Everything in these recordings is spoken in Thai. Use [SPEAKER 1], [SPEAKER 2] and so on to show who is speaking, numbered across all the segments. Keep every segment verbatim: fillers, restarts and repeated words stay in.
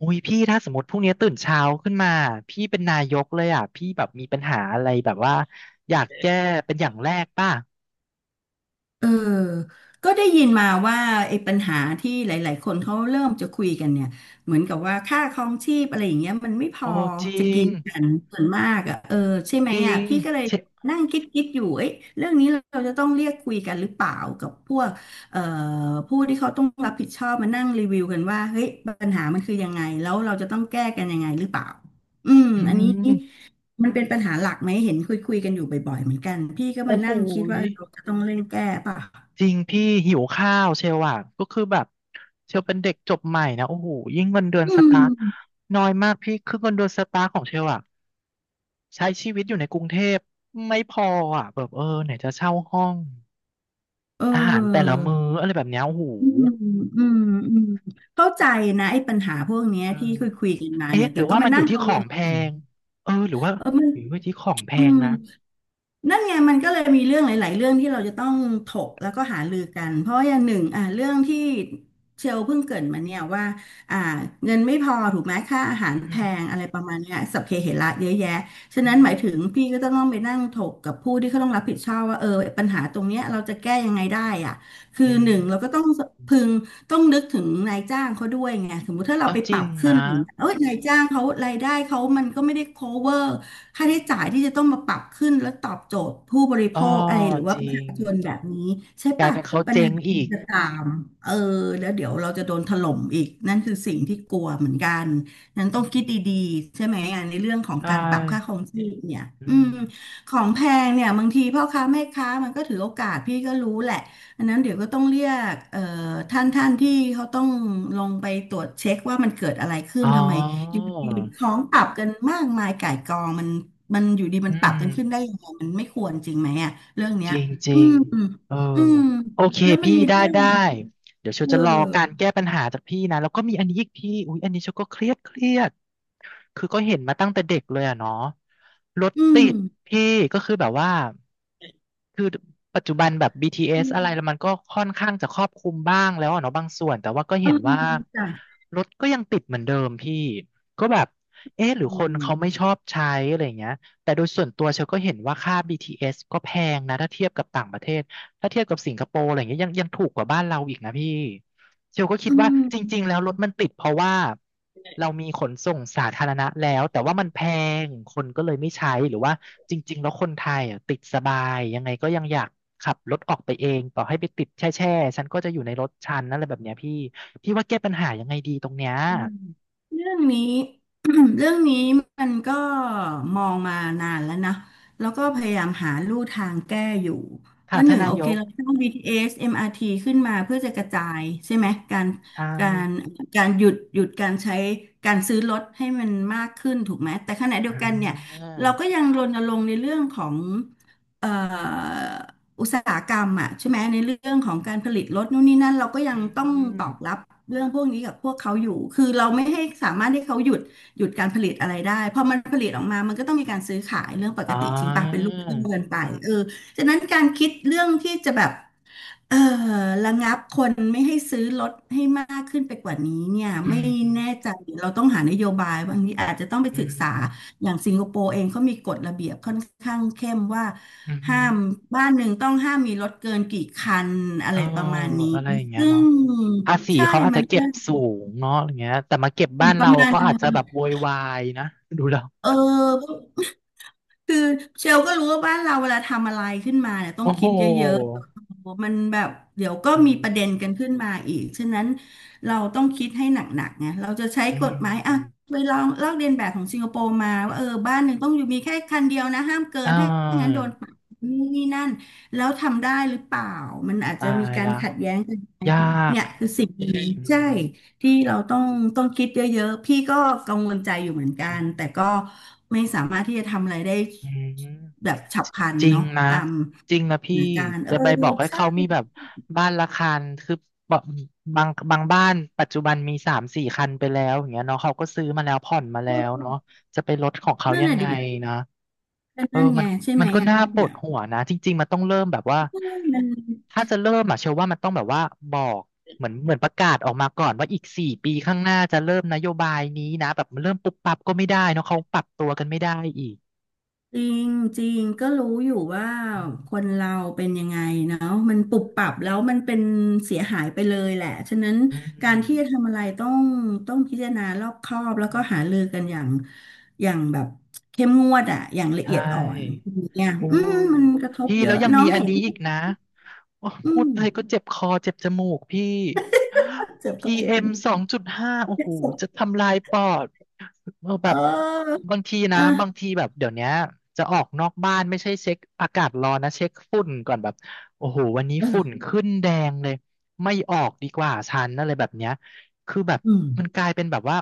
[SPEAKER 1] อุ้ยพี่ถ้าสมมติพรุ่งนี้ตื่นเช้าขึ้นมาพี่เป็นนายกเลยอ่ะพี่แบบมีปัญหาอะไรแบบว่าอยากแก้เป็นอย่างแรกป่ะ
[SPEAKER 2] เออก็ได้ยินมาว่าไอ้ปัญหาที่หลายๆคนเขาเริ่มจะคุยกันเนี่ยเหมือนกับว่าค่าครองชีพอะไรอย่างเงี้ยมันไม่พอ
[SPEAKER 1] โอ้จริ
[SPEAKER 2] จะกิ
[SPEAKER 1] ง
[SPEAKER 2] นกันส่วนมากอ่ะเออใช่ไหม
[SPEAKER 1] จริ
[SPEAKER 2] อ่ะ
[SPEAKER 1] ง
[SPEAKER 2] พี่ก็เลย
[SPEAKER 1] เช
[SPEAKER 2] นั่งคิดคิดอยู่เอ้ยเรื่องนี้เราจะต้องเรียกคุยกันหรือเปล่ากับพวกเอ่อผู้ที่เขาต้องรับผิดชอบมานั่งรีวิวกันว่าเฮ้ยปัญหามันคือยังไงแล้วเราจะต้องแก้กันยังไงหรือเปล่าอืม
[SPEAKER 1] อื
[SPEAKER 2] อันนี้
[SPEAKER 1] ม
[SPEAKER 2] มันเป็นปัญหาหลักไหมเห็นคุยคุยกันอยู่บ่อยๆเหมือนกันพี่ก็
[SPEAKER 1] โอ้
[SPEAKER 2] มา
[SPEAKER 1] โห
[SPEAKER 2] นั่งคิด
[SPEAKER 1] ย
[SPEAKER 2] ว่าเราจะต้องเร่งแก้ป่ะ
[SPEAKER 1] จริงพี่หิวข้าวเชลอ่ะก็คือแบบเชลเป็นเด็กจบใหม่นะโอ้โหยิ่งเงินเดือน
[SPEAKER 2] อื
[SPEAKER 1] สตาร์
[SPEAKER 2] ม
[SPEAKER 1] ทน้อยมากพี่คือเงินเดือนสตาร์ทของเชลอ่ะใช้ชีวิตอยู่ในกรุงเทพไม่พออ่ะแบบเออไหนจะเช่าห้อง
[SPEAKER 2] เอ
[SPEAKER 1] อาหารแต่ละ
[SPEAKER 2] อ
[SPEAKER 1] มื้ออะไรแบบเนี้ยโอ้โห
[SPEAKER 2] อืมอืมอืมเข้าใจนะไอ้ปัญหาพวกเนี้ยที่คุยคุยกันมาเนี่
[SPEAKER 1] เอ๊ะ
[SPEAKER 2] ย
[SPEAKER 1] ห
[SPEAKER 2] แต่
[SPEAKER 1] รือ
[SPEAKER 2] ก็
[SPEAKER 1] ว่า
[SPEAKER 2] มา
[SPEAKER 1] มันอ
[SPEAKER 2] นั่
[SPEAKER 1] ยู่
[SPEAKER 2] ง
[SPEAKER 1] ที่
[SPEAKER 2] กัง
[SPEAKER 1] ขอ
[SPEAKER 2] ว
[SPEAKER 1] ง
[SPEAKER 2] ล
[SPEAKER 1] แพงเออหรือว่า
[SPEAKER 2] เออมัน
[SPEAKER 1] หรือว่าที่ของแพ
[SPEAKER 2] อื
[SPEAKER 1] ง
[SPEAKER 2] ม
[SPEAKER 1] นะ
[SPEAKER 2] นั่นไงมันก็เลยมีเรื่องหลายๆเรื่องที่เราจะต้องถกแล้วก็หารือกันเพราะว่าอย่างหนึ่งอ่าเรื่องที่เชลเพิ่งเกริดมาเนี่ยว่าอ่าเงินไม่พอถูกไหมค่าอาหาร
[SPEAKER 1] อื
[SPEAKER 2] แพ
[SPEAKER 1] ม
[SPEAKER 2] งอะไรประมาณเนี้ยสัพเพเหระเยอะแยะฉะ
[SPEAKER 1] อื
[SPEAKER 2] นั้นห
[SPEAKER 1] ม
[SPEAKER 2] มายถึงพี่ก็ต้องต้องไปนั่งถกกับผู้ที่เขาต้องรับผิดชอบว่าเออปัญหาตรงเนี้ยเราจะแก้ยังไงได้อ่ะคือ
[SPEAKER 1] อื
[SPEAKER 2] ห
[SPEAKER 1] ม
[SPEAKER 2] นึ่งเราก็ต้องพึงต้องนึกถึงนายจ้างเขาด้วยไงสมมุติถ้า
[SPEAKER 1] เอ
[SPEAKER 2] เรา
[SPEAKER 1] อ
[SPEAKER 2] ไป
[SPEAKER 1] จ
[SPEAKER 2] ป
[SPEAKER 1] ริ
[SPEAKER 2] รั
[SPEAKER 1] ง
[SPEAKER 2] บขึ้น
[SPEAKER 1] นะ
[SPEAKER 2] อย่างเงี้ยเอ้ยนายจ้างเขารายได้เขามันก็ไม่ได้ cover ค่าใช้จ่ายที่จะต้องมาปรับขึ้นแล้วตอบโจทย์ผู้บริโภ
[SPEAKER 1] อ๋อ
[SPEAKER 2] คอะไรหรือ
[SPEAKER 1] จ
[SPEAKER 2] ว่าป
[SPEAKER 1] ริ
[SPEAKER 2] ระชา
[SPEAKER 1] ง
[SPEAKER 2] ชนแบบนี้ใช่
[SPEAKER 1] กลาย
[SPEAKER 2] ปะ
[SPEAKER 1] เป็นเขา
[SPEAKER 2] ปัญ
[SPEAKER 1] เจ๊
[SPEAKER 2] หา
[SPEAKER 1] ง
[SPEAKER 2] มั
[SPEAKER 1] อี
[SPEAKER 2] น
[SPEAKER 1] ก
[SPEAKER 2] จะตามเออแล้วเดี๋ยวเราจะโดนถล่มอีกนั่นคือสิ่งที่กลัวเหมือนกันนั้นต้
[SPEAKER 1] อื
[SPEAKER 2] อง
[SPEAKER 1] ม
[SPEAKER 2] คิดดีๆใช่ไหมอ่ะในเรื่องของ
[SPEAKER 1] ใช่
[SPEAKER 2] การปรับค่าครองชีพเนี่ย
[SPEAKER 1] อื
[SPEAKER 2] อืม
[SPEAKER 1] ม
[SPEAKER 2] ของแพงเนี่ยบางทีพ่อค้าแม่ค้ามันก็ถือโอกาสพี่ก็รู้แหละอันนั้นเดี๋ยวก็ต้องเรียกเอ่อท่านท่านที่เขาต้องลงไปตรวจเช็คว่ามันเกิดอะไรขึ้
[SPEAKER 1] อ๋
[SPEAKER 2] นทำไม อยู่
[SPEAKER 1] อ
[SPEAKER 2] ดีของปรับกันมากมายก่ายกองมันมันอยู่ดีมั
[SPEAKER 1] อื
[SPEAKER 2] นปรับ
[SPEAKER 1] ม
[SPEAKER 2] กันขึ้นได้ยังไงมันไม่ควรจริงไหมอ่ะเรื่องเนี้
[SPEAKER 1] จ
[SPEAKER 2] ย
[SPEAKER 1] ริงจริ
[SPEAKER 2] อื
[SPEAKER 1] ง
[SPEAKER 2] ม
[SPEAKER 1] เออ
[SPEAKER 2] อืม
[SPEAKER 1] โอเค
[SPEAKER 2] แล้วมัน
[SPEAKER 1] พี่
[SPEAKER 2] มี
[SPEAKER 1] ได้
[SPEAKER 2] เรื่อง
[SPEAKER 1] ได้
[SPEAKER 2] อะ
[SPEAKER 1] เดี๋ยวเชล
[SPEAKER 2] เออ
[SPEAKER 1] จะรอการแก้ปัญหาจากพี่นะแล้วก็มีอันนี้อีกพี่อุ๊ยอันนี้เชลก็เครียดเครียดคือก็เห็นมาตั้งแต่เด็กเลยอะเนาะรถ
[SPEAKER 2] อื
[SPEAKER 1] ติ
[SPEAKER 2] ม
[SPEAKER 1] ดพี่ก็คือแบบว่าคือปัจจุบันแบบ
[SPEAKER 2] อื
[SPEAKER 1] บี ที เอส อสอะไรแล้ว
[SPEAKER 2] ม
[SPEAKER 1] มันก็ค่อนข้างจะครอบคลุมบ้างแล้วอะเนาะบางส่วนแต่ว่าก็
[SPEAKER 2] เออ
[SPEAKER 1] เห็นว่า
[SPEAKER 2] จ้ะ
[SPEAKER 1] รถก็ยังติดเหมือนเดิมพี่ก็แบบเอ๊ะหรือ
[SPEAKER 2] อื
[SPEAKER 1] คนเขาไม่
[SPEAKER 2] ม
[SPEAKER 1] ชอบใช้อะไรอย่างเงี้ย แต่โดยส่วนตัวเชลก็เห็นว่าค่า บี ที เอส ก็แพงนะถ้าเทียบกับต่างประเทศ ถ้าเทียบกับสิงคโปร์อะไรอย่างเงี้ยยังยังถูกกว่าบ้านเราอีกนะพี่เชลก็คิด
[SPEAKER 2] อื
[SPEAKER 1] ว่าจริงๆแล้
[SPEAKER 2] ม
[SPEAKER 1] วรถมันติดเพราะว่าเรามีขนส่งสาธารณะแล้วแต่ว่ามันแพงคนก็เลยไม่ใช้หรือว่าจริงๆแล้วคนไทยอ่ะติดสบายยังไงก็ยังอยากขับรถออกไปเองต่อให้ไปติดแช่แช่ฉันก็จะอยู่ในรถฉันนั่นแหละแบบเนี้ยพี่พี่ว่าแก้ปัญหายังไงดีตรงเนี้ย
[SPEAKER 2] เรื่องนี้ เรื่องนี้มันก็มองมานานแล้วนะแล้วก็พยายามหาลู่ทางแก้อยู่
[SPEAKER 1] ค่ะ
[SPEAKER 2] ว่าห
[SPEAKER 1] ท่าน
[SPEAKER 2] นึ่ง
[SPEAKER 1] นา
[SPEAKER 2] โอ
[SPEAKER 1] ย
[SPEAKER 2] เค
[SPEAKER 1] ก
[SPEAKER 2] เราสร้าง บี ที เอส เอ็ม อาร์ ที ขึ้นมาเพื่อจะกระจายใช่ไหมการ
[SPEAKER 1] ใช่
[SPEAKER 2] การการหยุดหยุดการใช้การซื้อรถให้มันมากขึ้นถูกไหมแต่ขณะเดีย
[SPEAKER 1] อ่
[SPEAKER 2] วกันเนี่ยเราก็
[SPEAKER 1] า
[SPEAKER 2] ยังรณรงค์ในเรื่องของเอ่อ อุตสาหกรรมอ่ะใช่ไหมในเรื่องของการผลิตรถนู่นนี่นั่นเราก็ยั
[SPEAKER 1] อื
[SPEAKER 2] งต้อง
[SPEAKER 1] ม
[SPEAKER 2] ตอกรับเรื่องพวกนี้กับพวกเขาอยู่คือเราไม่ให้สามารถให้เขาหยุดหยุดการผลิตอะไรได้พอมันผลิตออกมามันก็ต้องมีการซื้อขายเรื่องป
[SPEAKER 1] อ๋
[SPEAKER 2] ก
[SPEAKER 1] อ
[SPEAKER 2] ติจริงป่ะเป็นลูกเรื่องเกินไปเออฉะนั้นการคิดเรื่องที่จะแบบเออระงับคนไม่ให้ซื้อรถให้มากขึ้นไปกว่านี้เนี่ย
[SPEAKER 1] อื
[SPEAKER 2] ไม่
[SPEAKER 1] ม
[SPEAKER 2] แน่ใจเราต้องหานโยบายบางทีอาจจะต้องไป
[SPEAKER 1] อื
[SPEAKER 2] ศึก
[SPEAKER 1] ม
[SPEAKER 2] ษา อย่างสิงคโปร์เองเขามีกฎระเบียบค่อนข้างเข้มว่า
[SPEAKER 1] อืมอื
[SPEAKER 2] ห้า
[SPEAKER 1] ม
[SPEAKER 2] มบ้านหนึ่งต้องห้ามมีรถเกินกี่คันอะ
[SPEAKER 1] เอ
[SPEAKER 2] ไร
[SPEAKER 1] อ
[SPEAKER 2] ประมาณนี้
[SPEAKER 1] อะไรอย่างเงี้ย
[SPEAKER 2] ซึ่ง
[SPEAKER 1] เนาะภาษี
[SPEAKER 2] ใช่
[SPEAKER 1] เขาอาจ
[SPEAKER 2] มั
[SPEAKER 1] จะ
[SPEAKER 2] น
[SPEAKER 1] เก็
[SPEAKER 2] ก็
[SPEAKER 1] บสูงเนาะอย่างเงี้ยแต่มาเก็บ
[SPEAKER 2] หม
[SPEAKER 1] บ้า
[SPEAKER 2] น
[SPEAKER 1] น
[SPEAKER 2] ประ
[SPEAKER 1] เรา
[SPEAKER 2] มา
[SPEAKER 1] ก็อาจจะ
[SPEAKER 2] ณ
[SPEAKER 1] แบบโวยวายนะ ดูแล้ว
[SPEAKER 2] เออ คือเชลก็รู้ว่าบ้านเราเวลาทำอะไรขึ้นมาเนี่ยต้อง
[SPEAKER 1] โอ้โห
[SPEAKER 2] คิดเยอะๆมันแบบเดี๋ยวก็
[SPEAKER 1] อื
[SPEAKER 2] มีประเด็
[SPEAKER 1] ม
[SPEAKER 2] นกันขึ้นมาอีกฉะนั้นเราต้องคิดให้หนักๆไงเราจะใช้
[SPEAKER 1] อื
[SPEAKER 2] ก
[SPEAKER 1] ม
[SPEAKER 2] ฎหมาย
[SPEAKER 1] อื
[SPEAKER 2] อ่ะ
[SPEAKER 1] ม
[SPEAKER 2] ไปลองลอกเลียนแบบของสิงคโปร์มาว่าเออบ้านหนึ่งต้องอยู่มีแค่คันเดียวนะห้ามเกิน
[SPEAKER 1] อ่า
[SPEAKER 2] ถ้างั้นโดนปรับนู่นนี่นั่นแล้วทำได้หรือเปล่ามันอาจจะ
[SPEAKER 1] ตา
[SPEAKER 2] มี
[SPEAKER 1] ย
[SPEAKER 2] การ
[SPEAKER 1] ละ
[SPEAKER 2] ขัดแย้งกัน
[SPEAKER 1] ยาก
[SPEAKER 2] เนี่ยคือสิ่งดี
[SPEAKER 1] อื
[SPEAKER 2] ใช่
[SPEAKER 1] ม
[SPEAKER 2] ที่เราต้องต้องคิดเยอะๆพี่ก็กังวลใจอยู่เหมือนกั
[SPEAKER 1] อื
[SPEAKER 2] น
[SPEAKER 1] ม
[SPEAKER 2] แต่ก็ไม่สามารถที่จะทำอะไรได้
[SPEAKER 1] อืม
[SPEAKER 2] แบบฉับพลัน
[SPEAKER 1] จริง
[SPEAKER 2] เนาะ
[SPEAKER 1] นะ
[SPEAKER 2] ตาม
[SPEAKER 1] จริงนะพี่
[SPEAKER 2] เหตุการณ์เอ
[SPEAKER 1] จะ
[SPEAKER 2] อ
[SPEAKER 1] ไปบอกให้
[SPEAKER 2] ใช่
[SPEAKER 1] เขามีแบบบ้านละคันคือบอกบางบางบ้านปัจจุบันมีสามสี่คันไปแล้วอย่างเงี้ยเนาะเขาก็ซื้อมาแล้วผ่อนมาแล้วเนาะ
[SPEAKER 2] เออ
[SPEAKER 1] จะไปลดของเขา
[SPEAKER 2] นั่น
[SPEAKER 1] ยัง
[SPEAKER 2] น่ะ
[SPEAKER 1] ไง
[SPEAKER 2] ดิ
[SPEAKER 1] นะ
[SPEAKER 2] น
[SPEAKER 1] เออ
[SPEAKER 2] ั่น
[SPEAKER 1] มั
[SPEAKER 2] ไง
[SPEAKER 1] น
[SPEAKER 2] ใช่ไห
[SPEAKER 1] มั
[SPEAKER 2] ม
[SPEAKER 1] นก็
[SPEAKER 2] อ่ะ
[SPEAKER 1] น่าปว
[SPEAKER 2] เนี่
[SPEAKER 1] ด
[SPEAKER 2] ย
[SPEAKER 1] หัวนะจริงๆมันต้องเริ่มแบบว่า
[SPEAKER 2] เออ
[SPEAKER 1] ถ้าจะเริ่มอะเชื่อว่ามันต้องแบบว่าบอกเหมือนเหมือนประกาศออกมาก่อนว่าอีกสี่ปีข้างหน้าจะเริ่มนโยบายนี้นะแบบเริ่มปุ๊บปั๊บก็ไม่ได้เนาะเขาปรับตัวกันไม่ได้อีก
[SPEAKER 2] จริงจริงก็รู้อยู่ว่า
[SPEAKER 1] อื
[SPEAKER 2] คน
[SPEAKER 1] ม
[SPEAKER 2] เราเป็นยังไงเนาะมันปุบปรับแล้วมันเป็นเสียหายไปเลยแหละฉะนั้น
[SPEAKER 1] อ
[SPEAKER 2] การที่จะทำอะไรต้องต้องพิจารณารอบคอบแล้ว
[SPEAKER 1] ื
[SPEAKER 2] ก็
[SPEAKER 1] ม
[SPEAKER 2] หารือกันอย่างอย่างแบบเข้มงวดอะอย่างละ
[SPEAKER 1] ใช
[SPEAKER 2] เอียดอ่อน
[SPEAKER 1] ่
[SPEAKER 2] อย่างเนี่ย
[SPEAKER 1] โอ้
[SPEAKER 2] อืม
[SPEAKER 1] ย
[SPEAKER 2] มันกระทบ
[SPEAKER 1] พี่
[SPEAKER 2] เย
[SPEAKER 1] แล้ว
[SPEAKER 2] อะ
[SPEAKER 1] ยัง
[SPEAKER 2] น้อ
[SPEAKER 1] มี
[SPEAKER 2] ง
[SPEAKER 1] อัน
[SPEAKER 2] เห็น
[SPEAKER 1] นี้
[SPEAKER 2] ไหม
[SPEAKER 1] อีกนะ โอ้
[SPEAKER 2] อื
[SPEAKER 1] พูด
[SPEAKER 2] ม
[SPEAKER 1] ไปก็เจ็บคอเจ็บจมูกพี่
[SPEAKER 2] เจ็บปวดเจ็บป
[SPEAKER 1] PM
[SPEAKER 2] วด
[SPEAKER 1] สองจุดห้าโอ้
[SPEAKER 2] เจ็
[SPEAKER 1] โห
[SPEAKER 2] บปวด
[SPEAKER 1] จะทำลายปอดเออ
[SPEAKER 2] เ
[SPEAKER 1] แบบ
[SPEAKER 2] ออ
[SPEAKER 1] บางทีนะ
[SPEAKER 2] เออ
[SPEAKER 1] บางทีแบบเดี๋ยวเนี้ยจะออกนอกบ้านไม่ใช่เช็คอากาศร้อนนะเช็คฝุ่นก่อนแบบโอ้โหวันนี้ฝุ่น
[SPEAKER 2] เออ
[SPEAKER 1] ขึ้นแดงเลยไม่ออกดีกว่าฉันอะไรแบบเนี้ยคือแบบ
[SPEAKER 2] อื
[SPEAKER 1] มัน
[SPEAKER 2] ม
[SPEAKER 1] กลายเป็นแบบว่า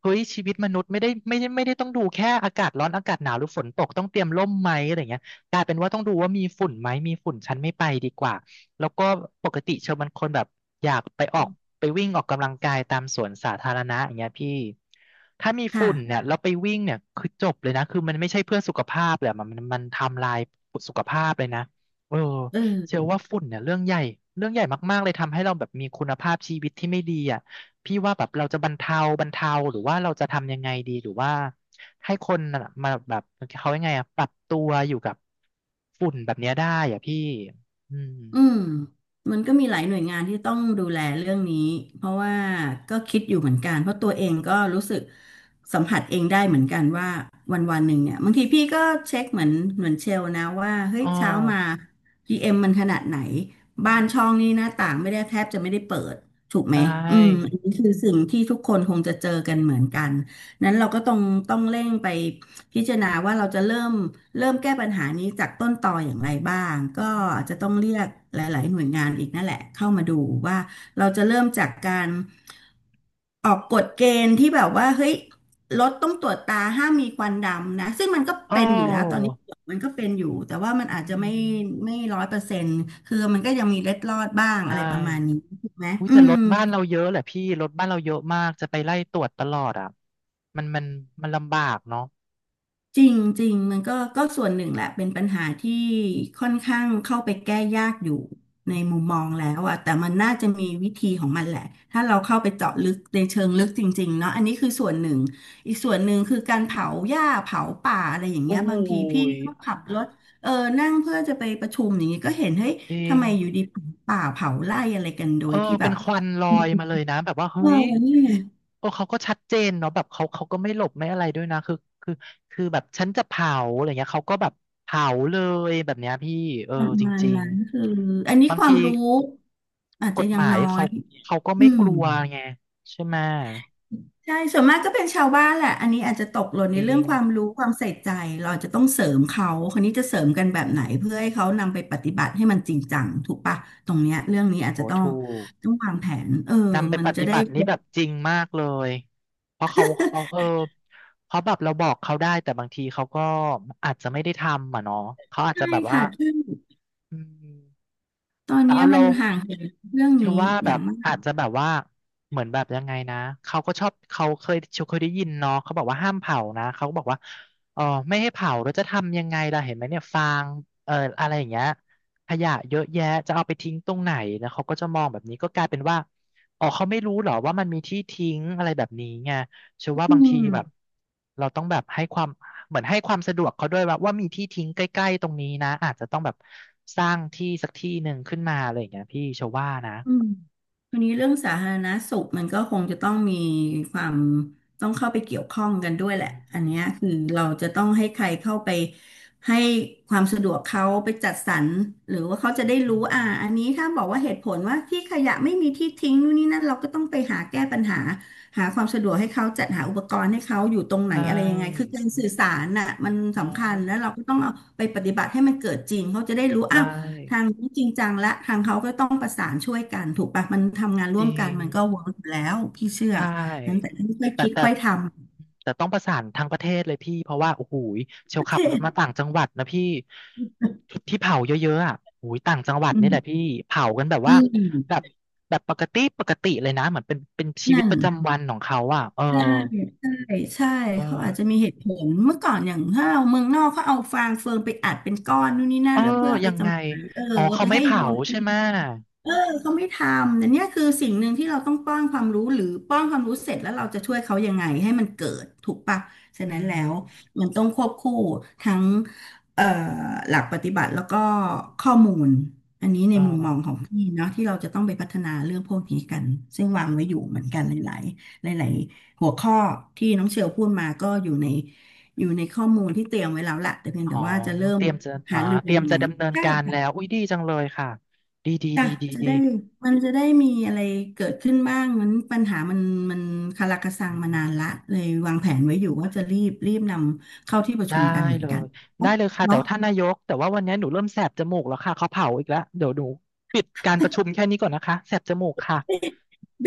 [SPEAKER 1] เฮ้ยชีวิตมนุษย์ไม่ได้ไม่ได้ไม่ได้ต้องดูแค่อากาศร้อนอากาศหนาวหรือฝนตกต้องเตรียมร่มไหมอะไรเงี้ยกลายเป็นว่าต้องดูว่ามีฝุ่นไหมมีฝุ่นฉันไม่ไปดีกว่า แล้วก็ปกติเชลเป็นคนแบบอยากไปออกไปวิ่งออกกำลังกายตามสวนสาธารณะอย่างเงี้ยพี่ถ้ามีฝุ่นเนี่
[SPEAKER 2] ค่ะ
[SPEAKER 1] ยแล้วไปวิ่งเนี่ยคือจบเลยนะคือมันไม่ใช่เพื่อสุขภาพเลยอะมันมันมันทำลายสุขภาพเลยนะเออ
[SPEAKER 2] เ
[SPEAKER 1] เชื่อ
[SPEAKER 2] ออ
[SPEAKER 1] ว่าฝุ่นเนี่ยเรื่องใหญ่เรื่องใหญ่มากๆเลยทำให้เราแบบมีคุณภาพชีวิตที่ไม่ดีอ่ะพี่ว่าแบบเราจะบรรเทาบรรเทาหรือว่าเราจะทำยังไงดีหรือว่าให้คนน่ะมาแบบเขายังไงอ่ะปรับตัวอยู่กับฝุ่นแบบเนี้ยได้อ่ะพี่อืม
[SPEAKER 2] อืมมันก็มีหลายหน่วยงานที่ต้องดูแลเรื่องนี้เพราะว่าก็คิดอยู่เหมือนกันเพราะตัวเองก็รู้สึกสัมผัสเองได้เหมือนกันว่าวันวันหนึ่งเนี่ยบางทีพี่ก็เช็คเหมือนเหมือนเชลนะว่าเฮ้ย
[SPEAKER 1] อ๋อ
[SPEAKER 2] เช้ามา พี เอ็ม มมันขนาดไหนบ้านช่องนี่หน้าต่างไม่ได้แทบจะไม่ได้เปิดถูกไห
[SPEAKER 1] ใช
[SPEAKER 2] มอืม
[SPEAKER 1] ่
[SPEAKER 2] อันนี้คือสิ่งที่ทุกคนคงจะเจอกันเหมือนกันนั้นเราก็ต้องต้องเร่งไป พิจารณาว่าเราจะเริ่มเริ่มแก้ปัญหานี้จากต้นตออย่างไรบ้างก็
[SPEAKER 1] อื
[SPEAKER 2] อา
[SPEAKER 1] ม
[SPEAKER 2] จจะต้องเรียกหลายๆหน่วยงานอีกนั่นแหละเข้ามาดูว่าเราจะเริ่มจากการออกกฎเกณฑ์ที่แบบว่าเฮ้ยรถต้องตรวจตาห้ามมีควันดำนะซึ่งมันก็
[SPEAKER 1] อ๋อ
[SPEAKER 2] เป็นอยู่แล้วตอนนี้มันก็เป็นอยู่แต่ว่ามัน
[SPEAKER 1] อื
[SPEAKER 2] อาจจะ
[SPEAKER 1] ม
[SPEAKER 2] ไม่ไม่ร้อยเปอร์เซ็นต์คือมันก็ยังมีเล็ดลอดบ้าง
[SPEAKER 1] ใช่
[SPEAKER 2] อะไรประมาณนี้ถูกไหม
[SPEAKER 1] อุ้ย
[SPEAKER 2] อื
[SPEAKER 1] แต่ร
[SPEAKER 2] ม
[SPEAKER 1] ถบ้านเราเยอะแหละพี่รถบ้านเราเยอะมากจะไปไล่ตรวจตลอดอ่ะมันมันมันลำบากเนาะ
[SPEAKER 2] จริงจริงมันก็ก็ส่วนหนึ่งแหละเป็นปัญหาที่ค่อนข้างเข้าไปแก้ยากอยู่ในมุมมองแล้วอะแต่มันน่าจะมีวิธีของมันแหละถ้าเราเข้าไปเจาะลึกในเชิงลึกจริงๆเนาะอันนี้คือส่วนหนึ่งอีกส่วนหนึ่งคือการเผาหญ้าเผาป่าอะไรอย่างเงี้
[SPEAKER 1] โอ้
[SPEAKER 2] ย
[SPEAKER 1] โห
[SPEAKER 2] บางทีพี่ก็ขับรถเออนั่งเพื่อจะไปประชุมอย่างเงี้ยก็เห็นเฮ้ย
[SPEAKER 1] จริ
[SPEAKER 2] ทำ
[SPEAKER 1] ง
[SPEAKER 2] ไมอยู่ดีเผาป่าเผาไร่อะไรกันโด
[SPEAKER 1] เออ
[SPEAKER 2] ยที่แบ
[SPEAKER 1] เป็น
[SPEAKER 2] บ
[SPEAKER 1] ควันลอยมาเลยนะแบบว่าเฮ้
[SPEAKER 2] เออ
[SPEAKER 1] ย
[SPEAKER 2] นี่ไง
[SPEAKER 1] โอ้เขาก็ชัดเจนเนาะแบบเขาเขาก็ไม่หลบไม่อะไรด้วยนะคือคือคือแบบฉันจะเผาอะไรเงี้ยเขาก็แบบเผาเลยแบบเนี้ยพี่เออ
[SPEAKER 2] ประ
[SPEAKER 1] จ
[SPEAKER 2] มาณ
[SPEAKER 1] ริง
[SPEAKER 2] นั้นคืออัน
[SPEAKER 1] ๆ
[SPEAKER 2] นี้
[SPEAKER 1] บาง
[SPEAKER 2] ควา
[SPEAKER 1] ที
[SPEAKER 2] มรู้อาจ
[SPEAKER 1] ก
[SPEAKER 2] จะ
[SPEAKER 1] ฎ
[SPEAKER 2] ยั
[SPEAKER 1] ห
[SPEAKER 2] ง
[SPEAKER 1] มาย
[SPEAKER 2] น้อ
[SPEAKER 1] เขา
[SPEAKER 2] ย
[SPEAKER 1] เขาก็
[SPEAKER 2] อื
[SPEAKER 1] ไม่ก
[SPEAKER 2] ม
[SPEAKER 1] ลัวไงใช่ไหมย
[SPEAKER 2] ใช่ส่วนมากก็เป็นชาวบ้านแหละอันนี้อาจจะตกหล่น
[SPEAKER 1] จ
[SPEAKER 2] ใน
[SPEAKER 1] ริ
[SPEAKER 2] เรื่อง
[SPEAKER 1] ง
[SPEAKER 2] ความรู้ความใส่ใจเราอาจจะต้องเสริมเขาคนนี้จะเสริมกันแบบไหนเพื่อให้เขานำไปปฏิบัติให้มันจริงจังถูกปะตรงเนี้ยเรื่องนี้อาจจะ
[SPEAKER 1] โอ้
[SPEAKER 2] ต้อง
[SPEAKER 1] ถูก
[SPEAKER 2] ต้องวางแผนเออ
[SPEAKER 1] นำไป
[SPEAKER 2] มัน
[SPEAKER 1] ป
[SPEAKER 2] จะ
[SPEAKER 1] ฏิ
[SPEAKER 2] ได้
[SPEAKER 1] บัตินี้แบบจริงมากเลย เพราะเขาเขาเออเพราะแบบเราบอกเขาได้แต่บางทีเขาก็อาจจะไม่ได้ทำอ่ะเนาะเขาอาจ
[SPEAKER 2] ใช่
[SPEAKER 1] จะแบบว่า
[SPEAKER 2] ค่ะซึ่ง
[SPEAKER 1] อืม
[SPEAKER 2] ตอน
[SPEAKER 1] แต่
[SPEAKER 2] เนี้ย
[SPEAKER 1] เอา
[SPEAKER 2] มั
[SPEAKER 1] เรา
[SPEAKER 2] นห่างเหินเรื่อง
[SPEAKER 1] เชื่
[SPEAKER 2] นี้
[SPEAKER 1] อว่า
[SPEAKER 2] อ
[SPEAKER 1] แบ
[SPEAKER 2] ย่าง
[SPEAKER 1] บ
[SPEAKER 2] มา
[SPEAKER 1] อา
[SPEAKER 2] ก
[SPEAKER 1] จจะแบบว่าเหมือนแบบยังไงนะเขาก็ชอบเขาเคยเคยได้ยินเนาะเขาบอกว่าห้ามเผานะเขาก็บอกว่าเออไม่ให้เผาแล้วจะทำยังไงล่ะเห็นไหมเนี่ยฟางเอออะไรอย่างเงี้ยขยะเยอะแยะจะเอาไปทิ้งตรงไหนนะเขาก็จะมองแบบนี้ก็กลายเป็นว่าอ๋อเขาไม่รู้เหรอว่ามันมีที่ทิ้งอะไรแบบนี้ไงเชื่อว่า
[SPEAKER 2] อื
[SPEAKER 1] บางที
[SPEAKER 2] ม
[SPEAKER 1] แบบเราต้องแบบให้ความเหมือนให้ความสะดวกเขาด้วยว่าว่ามีที่ทิ้งใกล้ๆตรงนี้นะอาจจะต้องแบบสร้างที่สักที่หนึ่งขึ้นมาอะไรอย่างเงี้ยพี่เชื่อว่านะ
[SPEAKER 2] อืมทีนี้เรื่องสาธารณสุขมันก็คงจะต้องมีความต้องเข้าไปเกี่ยวข้องกันด้วยแหละ
[SPEAKER 1] อืมอ
[SPEAKER 2] อันเนี้ยคือเราจะต้องให้ใครเข้าไปให้ความสะดวกเขาไปจัดสรรหรือว่าเขาจะ
[SPEAKER 1] ื
[SPEAKER 2] ได้รู้อ่า
[SPEAKER 1] ม
[SPEAKER 2] อันนี้ถ้าบอกว่าเหตุผลว่าที่ขยะไม่มีที่ทิ้งนู่นนี่นั่นเราก็ต้องไปหาแก้ปัญหาหาความสะดวกให้เขาจัดหาอุปกรณ์ให้เขาอยู่ตรงไหน
[SPEAKER 1] ใช่
[SPEAKER 2] อะไรยังไงคือการ
[SPEAKER 1] อื
[SPEAKER 2] สื่อ
[SPEAKER 1] ม
[SPEAKER 2] สารน่ะมัน
[SPEAKER 1] เนาะ
[SPEAKER 2] สำคัญแล้วเราก็ต้องเอาไปปฏิบัติให้มันเกิดจริงเขาจะได้รู้
[SPEAKER 1] ใช่
[SPEAKER 2] อ้าว ทางนี้จริงจังและทางเขาก็ต้องประสานช่วยกันถูกปะมันทำงานร่
[SPEAKER 1] จ
[SPEAKER 2] วม
[SPEAKER 1] ริ
[SPEAKER 2] กัน
[SPEAKER 1] ง
[SPEAKER 2] มันก็เวิร์กอยู่แล้วพี่เชื่อ
[SPEAKER 1] ใช
[SPEAKER 2] นั้น
[SPEAKER 1] ่
[SPEAKER 2] แต่ต้องค่อย
[SPEAKER 1] แต่
[SPEAKER 2] คิด
[SPEAKER 1] แต่
[SPEAKER 2] ค่อยทำ
[SPEAKER 1] แต่ต้องประสานทางประเทศเลยพี่เพราะว่าโอ้โหยเช
[SPEAKER 2] ป
[SPEAKER 1] ล
[SPEAKER 2] ระ
[SPEAKER 1] ขั
[SPEAKER 2] เท
[SPEAKER 1] บรถมา
[SPEAKER 2] ศ
[SPEAKER 1] ต่างจังหวัดนะพี่จุดที่เผาเยอะๆอ่ะโอ้ยต่างจังหวัด
[SPEAKER 2] อื
[SPEAKER 1] นี่แห
[SPEAKER 2] ม
[SPEAKER 1] ละพี่เผากันแบบ
[SPEAKER 2] อื
[SPEAKER 1] ว่าแบ
[SPEAKER 2] ม
[SPEAKER 1] บแบบปกติปกติเลยนะเหมือนเป็นเป็นชีวิต
[SPEAKER 2] นั่น
[SPEAKER 1] ประจำวันของเขาอ่ะเออ
[SPEAKER 2] ใช่ใช่ใช่
[SPEAKER 1] เออ
[SPEAKER 2] เขาอาจจะมีเหตุผลเมื่อก่อนอย่างถ้าเราเมืองนอกเขาเอาฟางเฟืองไปอัดเป็นก้อนนู่นนี่นั่
[SPEAKER 1] เออ
[SPEAKER 2] นแล้วเพื่อไป
[SPEAKER 1] ยังไง
[SPEAKER 2] จำหน่ายเออ
[SPEAKER 1] อ๋อ
[SPEAKER 2] เอา
[SPEAKER 1] เขา
[SPEAKER 2] ไป
[SPEAKER 1] ไม่
[SPEAKER 2] ให้
[SPEAKER 1] เผา
[SPEAKER 2] วัวกิ
[SPEAKER 1] ใช่ไห
[SPEAKER 2] น
[SPEAKER 1] มะ
[SPEAKER 2] เออเขาไม่ทำแต่เนี่ยคือสิ่งหนึ่งที่เราต้องป้อนความรู้หรือป้อนความรู้เสร็จแล้วเราจะช่วยเขายังไงให้มันเกิดถูกปะฉะ
[SPEAKER 1] อื
[SPEAKER 2] นั้นแล้
[SPEAKER 1] ม
[SPEAKER 2] วมันต้องควบคู่ทั้งเอ่อหลักปฏิบัติแล้วก็ข้อมูลอันนี้ใน
[SPEAKER 1] เออ
[SPEAKER 2] มุมมองของพี่เนาะที่เราจะต้องไปพัฒนาเรื่องพวกนี้กันซึ่งวางไว้อยู่เหมือนกันหลายๆหลายๆหัวข้อที่น้องเชลพูดมาก็อยู่ในอยู่ในข้อมูลที่เตรียมไว้แล้วแหละแต่เพียง
[SPEAKER 1] อ๋อ
[SPEAKER 2] แต่ว่าจะเริ่
[SPEAKER 1] เต
[SPEAKER 2] ม
[SPEAKER 1] รียมจะอ่า
[SPEAKER 2] หารือ
[SPEAKER 1] เต
[SPEAKER 2] กั
[SPEAKER 1] รี
[SPEAKER 2] น
[SPEAKER 1] ยม
[SPEAKER 2] ยังไง
[SPEAKER 1] จะดำเนิน
[SPEAKER 2] ใช่
[SPEAKER 1] การแล้วอุ้ยดีจังเลยค่ะดีดี
[SPEAKER 2] จ้ะ
[SPEAKER 1] ดีดี
[SPEAKER 2] จะ
[SPEAKER 1] ดี
[SPEAKER 2] ได้มันจะได้มีอะไรเกิดขึ้นบ้างมันปัญหามันมันคาราคาซัง
[SPEAKER 1] อื
[SPEAKER 2] มานานละ
[SPEAKER 1] ม
[SPEAKER 2] เลยวางแผนไว้อยู่ว่าจะรีบรีบนำเข้าที่ประ
[SPEAKER 1] ได้
[SPEAKER 2] ชุมกันเหมือ
[SPEAKER 1] เล
[SPEAKER 2] นกัน
[SPEAKER 1] ยได้
[SPEAKER 2] เนาะ
[SPEAKER 1] เลยค่ะแต่
[SPEAKER 2] เนาะ
[SPEAKER 1] ว่าท่านนายกแต่ว่าวันนี้หนูเริ่มแสบจมูกแล้วค่ะเขาเผาอีกแล้วเดี๋ยวหนูปิดการประชุมแค่นี้ก่อนนะคะแสบจมูกค่ะ
[SPEAKER 2] ไ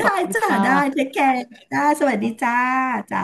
[SPEAKER 1] ขอบ
[SPEAKER 2] ด้
[SPEAKER 1] คุณ
[SPEAKER 2] จ้ะ
[SPEAKER 1] ค่
[SPEAKER 2] ได้เทคแคร์ได้สวัสดี
[SPEAKER 1] ะ
[SPEAKER 2] จ้าจ้า